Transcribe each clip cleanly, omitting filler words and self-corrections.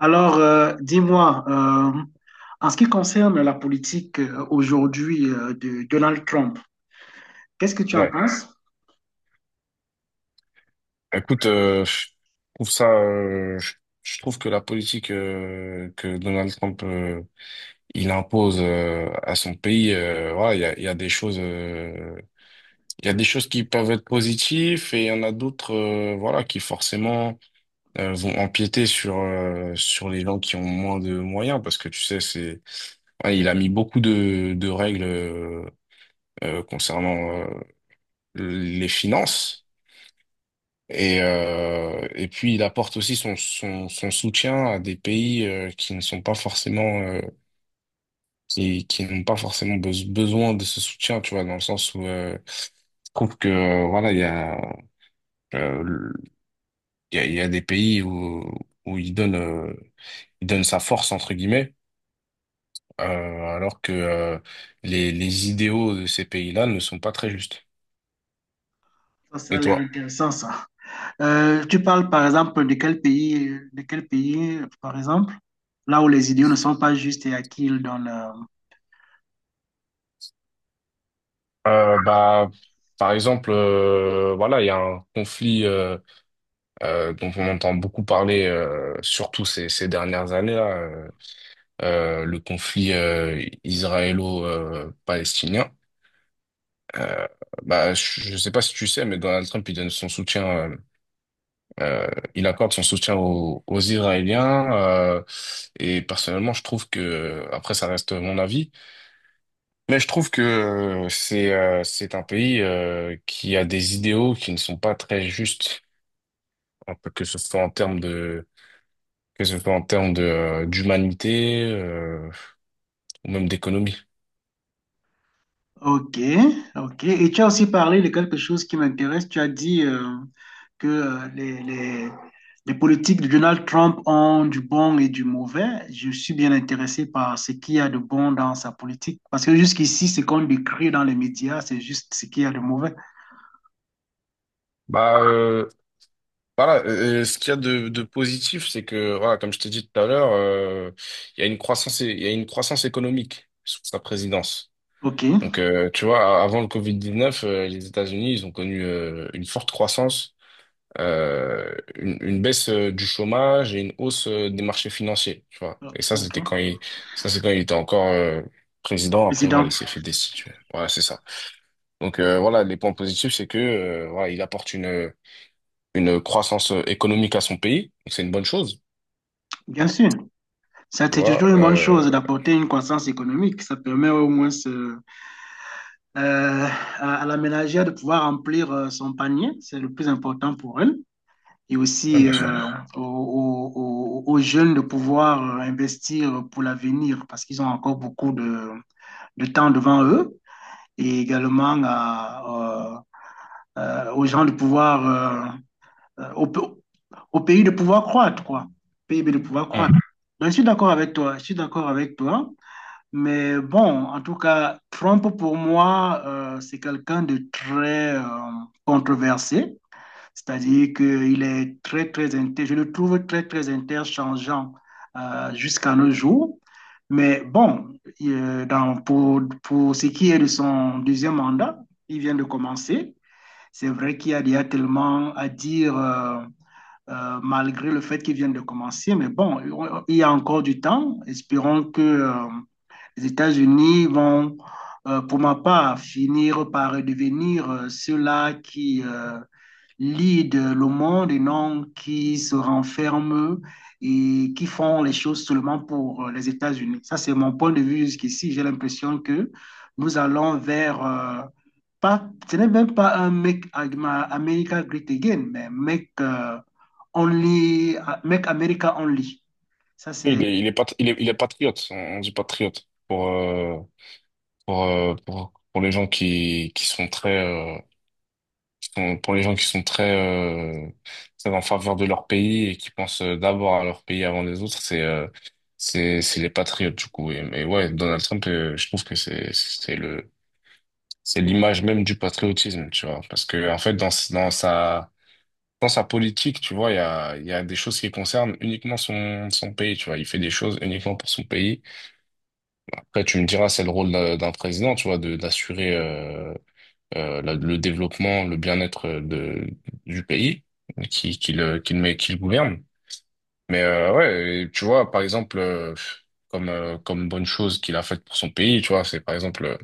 Alors, dis-moi, en ce qui concerne la politique aujourd'hui de Donald Trump, qu'est-ce que tu en Ouais. penses? Écoute, je trouve ça, je trouve que la politique que Donald Trump il impose à son pays, voilà, il y a des choses, il y a des choses qui peuvent être positives et il y en a d'autres, voilà, qui forcément vont empiéter sur les gens qui ont moins de moyens parce que tu sais, il a mis beaucoup de règles concernant les finances. Et puis il apporte aussi son soutien à des pays qui ne sont pas forcément qui n'ont pas forcément besoin de ce soutien, tu vois, dans le sens où je trouve que voilà, il y a euh, le- il y a des pays où il donne sa force entre guillemets, alors que les idéaux de ces pays-là ne sont pas très justes. Ça a Et l'air toi? intéressant, ça. Tu parles, par exemple, de quel pays, par exemple, là où les idiots ne sont pas justes et à qui ils donnent Bah par exemple voilà, il y a un conflit dont on entend beaucoup parler, surtout ces dernières années, là, le conflit israélo-palestinien. Euh, bah, je ne sais pas si tu sais, mais Donald Trump, il donne son soutien, euh, euh, il accorde son soutien aux Israéliens. Et personnellement, je trouve que, après, ça reste mon avis, mais je trouve que c'est un pays qui a des idéaux qui ne sont pas très justes, un peu que ce soit en termes de, d'humanité, ou même d'économie. ok, ok. Et tu as aussi parlé de quelque chose qui m'intéresse. Tu as dit que les politiques de Donald Trump ont du bon et du mauvais. Je suis bien intéressé par ce qu'il y a de bon dans sa politique. Parce que jusqu'ici, ce qu'on décrit dans les médias, c'est juste ce qu'il y a de mauvais. Bah euh, voilà, ce qu'il y a de positif, c'est que voilà, comme je t'ai dit tout à l'heure, il y a une croissance économique sous sa présidence. Ok, Donc tu vois, avant le Covid-19, les États-Unis, ils ont connu une forte croissance, une baisse du chômage et une hausse des marchés financiers. Tu vois. Et ça, ok. Ça c'est quand il était encore président. Après, voilà, Président, il s'est fait destituer. Voilà, c'est ça. Donc voilà, les points positifs, c'est que voilà, il apporte une croissance économique à son pays. Donc c'est une bonne chose, bien sûr. Ça, tu c'est vois. toujours une bonne chose d'apporter une croissance économique. Ça permet au moins euh, à la ménagère de pouvoir remplir son panier. C'est le plus important pour elle. Et Ouais, aussi bien sûr. Aux jeunes de pouvoir investir pour l'avenir parce qu'ils ont encore beaucoup de temps devant eux et également à, aux gens de pouvoir, euh, euh, au, pe- au pays de pouvoir croître, quoi. PIB de pouvoir Hmm. croître. Donc, je suis d'accord avec toi, je suis d'accord avec toi. Mais bon, en tout cas, Trump, pour moi, c'est quelqu'un de très controversé. C'est-à-dire qu'il est très, très inter... je le trouve très, très interchangeant jusqu'à nos jours. Mais bon, pour ce qui est de son deuxième mandat, il vient de commencer. C'est vrai qu'il y a déjà tellement à dire, malgré le fait qu'il vient de commencer. Mais bon, il y a encore du temps. Espérons que les États-Unis vont, pour ma part, finir par devenir ceux-là qui lead le monde et non qui se renferment et qui font les choses seulement pour les États-Unis. Ça, c'est mon point de vue jusqu'ici. J'ai l'impression que nous allons vers, pas, ce n'est même pas un Make America Great Again, mais Make, only, Make America Only. Ça, c'est, Il est patriote, on dit patriote pour, pour les gens qui sont très, pour les gens qui sont très, euh, très en faveur de leur pays et qui pensent d'abord à leur pays avant les autres, c'est les patriotes du coup. Mais ouais, Donald Trump, je trouve que c'est l'image même du patriotisme, tu vois. Parce que, en fait, dans sa, dans sa politique, tu vois, il y a des choses qui concernent uniquement son pays, tu vois. Il fait des choses uniquement pour son pays. Après, tu me diras, c'est le rôle d'un président, tu vois, de, d'assurer, le développement, le bien-être du pays qui le, qui le gouverne. Mais, ouais, et tu vois, par exemple, comme, comme bonne chose qu'il a faite pour son pays, tu vois, c'est par exemple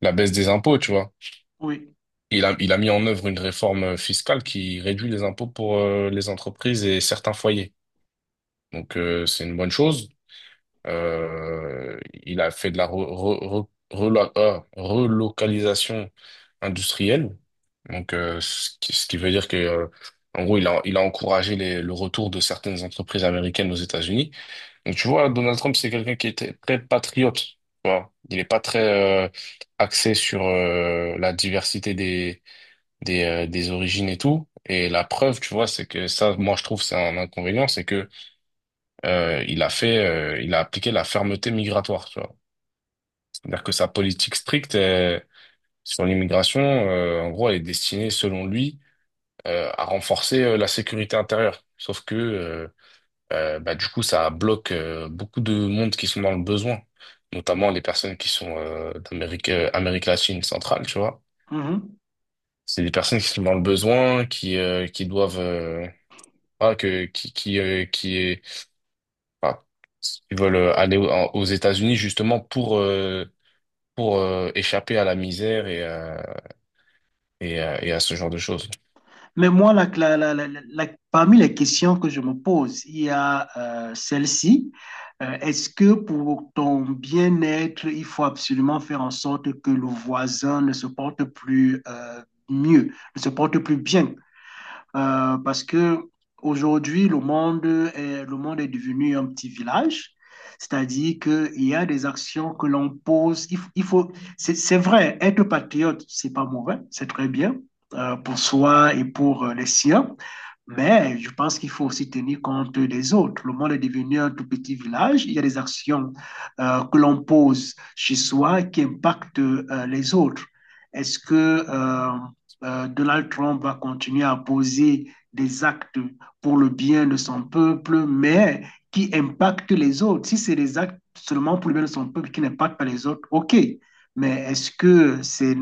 la baisse des impôts, tu vois. oui. Il a mis en œuvre une réforme fiscale qui réduit les impôts pour les entreprises et certains foyers. Donc, c'est une bonne chose. Il a fait de la relocalisation industrielle. Donc, ce qui veut dire que, en gros, il a encouragé le retour de certaines entreprises américaines aux États-Unis. Donc, tu vois, Donald Trump, c'est quelqu'un qui était très très patriote. Tu vois. Il n'est pas très axé sur la diversité des origines et tout. Et la preuve, tu vois, c'est que ça, moi, je trouve, c'est un inconvénient, c'est que il a appliqué la fermeté migratoire, tu vois. C'est-à-dire que sa politique stricte sur l'immigration, en gros, elle est destinée, selon lui, à renforcer la sécurité intérieure. Sauf que, bah, du coup, ça bloque beaucoup de monde qui sont dans le besoin, notamment les personnes qui sont d'Amérique, Amérique latine centrale, tu vois. Mhm. C'est des personnes qui sont dans le besoin, qui doivent Ah, que, qui est, enfin, ils veulent aux États-Unis justement pour échapper à la misère et à ce genre de choses. Mais moi, parmi les questions que je me pose, il y a celle-ci. Est-ce que pour ton bien-être, il faut absolument faire en sorte que le voisin ne se porte plus mieux, ne se porte plus bien? Parce que aujourd'hui, le monde est devenu un petit village. C'est-à-dire qu'il y a des actions que l'on pose. Il faut, c'est vrai, être patriote, c'est pas mauvais, c'est très bien pour soi et pour les siens. Mais je pense qu'il faut aussi tenir compte des autres. Le monde est devenu un tout petit village. Il y a des actions que l'on pose chez soi qui impactent les autres. Est-ce que Donald Trump va continuer à poser des actes pour le bien de son peuple, mais qui impactent les autres. Si c'est des actes seulement pour le bien de son peuple qui n'impactent pas les autres, OK. Mais est-ce que c'est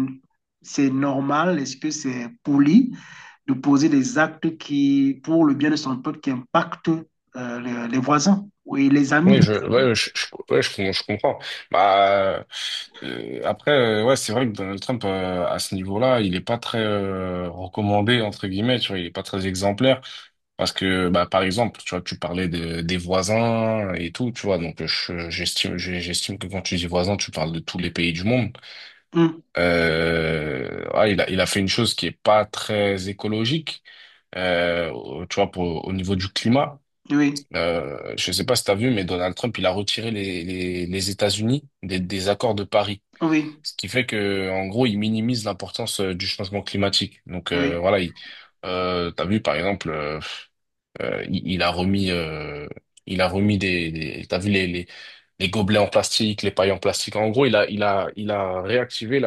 c'est normal, est-ce que c'est poli de poser des actes qui, pour le bien de son peuple, qui impactent voisins oui, les amis. Oui, je, ouais, je, je, je comprends. Bah, après, ouais, c'est vrai que Donald Trump, à ce niveau-là, il est pas très recommandé, entre guillemets, tu vois, il est pas très exemplaire. Parce que, bah, par exemple, tu vois, tu parlais des voisins et tout, tu vois, donc j'estime, j'estime que quand tu dis voisins, tu parles de tous les pays du monde. Mmh, Il a fait une chose qui est pas très écologique, tu vois, pour, au niveau du climat. oui, Je sais pas si tu as vu, mais Donald Trump, il a retiré les États-Unis des accords de Paris. oui, Ce qui fait que, en gros, il minimise l'importance du changement climatique. Donc, oui. Voilà, il, t'as vu, par exemple, euh, il, il a remis, euh, il a remis des t'as vu les gobelets en plastique, les pailles en plastique. En gros, il a réactivé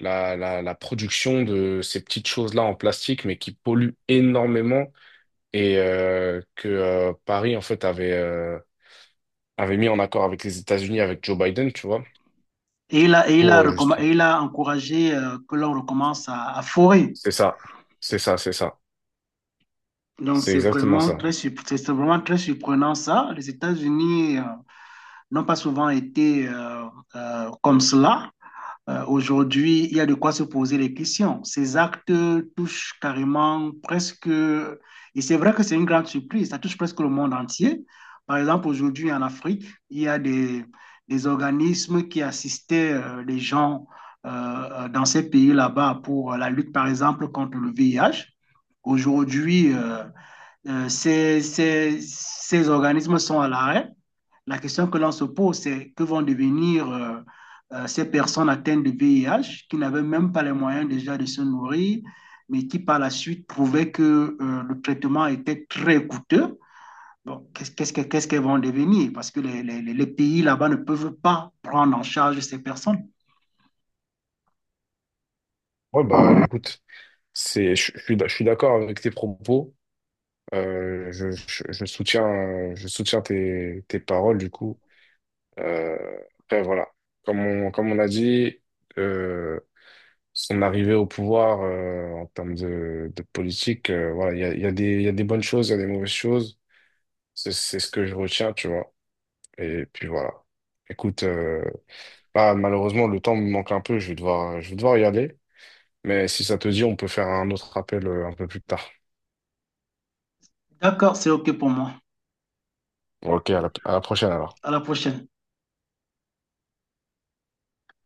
la production de ces petites choses-là en plastique, mais qui polluent énormément et que Paris, en fait, avait mis en accord avec les États-Unis, avec Joe Biden, tu vois, pour juste... Et il a encouragé que l'on recommence à forer. C'est ça, c'est ça. Donc, C'est exactement ça. C'est vraiment très surprenant ça. Les États-Unis n'ont pas souvent été comme cela. Aujourd'hui, il y a de quoi se poser les questions. Ces actes touchent carrément presque, et c'est vrai que c'est une grande surprise, ça touche presque le monde entier. Par exemple, aujourd'hui en Afrique, il y a des organismes qui assistaient les gens dans ces pays là-bas pour la lutte, par exemple, contre le VIH. Aujourd'hui, ces organismes sont à l'arrêt, la question que l'on se pose, c'est que vont devenir ces personnes atteintes de VIH qui n'avaient même pas les moyens déjà de se nourrir, mais qui par la suite prouvaient que le traitement était très coûteux. Bon, qu'elles vont devenir? Parce que les pays là-bas ne peuvent pas prendre en charge ces personnes. Ouais, bah écoute, c'est, je suis d'a- je suis d'accord avec tes propos. Je soutiens tes paroles, du coup. Euh, après, voilà. Comme on a dit, euh, son arrivée au pouvoir en termes de politique, voilà, il y a des bonnes choses, il y a des mauvaises choses. C'est ce que je retiens, tu vois. Et puis voilà. Écoute, bah, malheureusement, le temps me manque un peu, je vais devoir y aller. Mais si ça te dit, on peut faire un autre appel un peu plus tard. D'accord, c'est OK pour moi. Ok, à la prochaine alors. À la prochaine.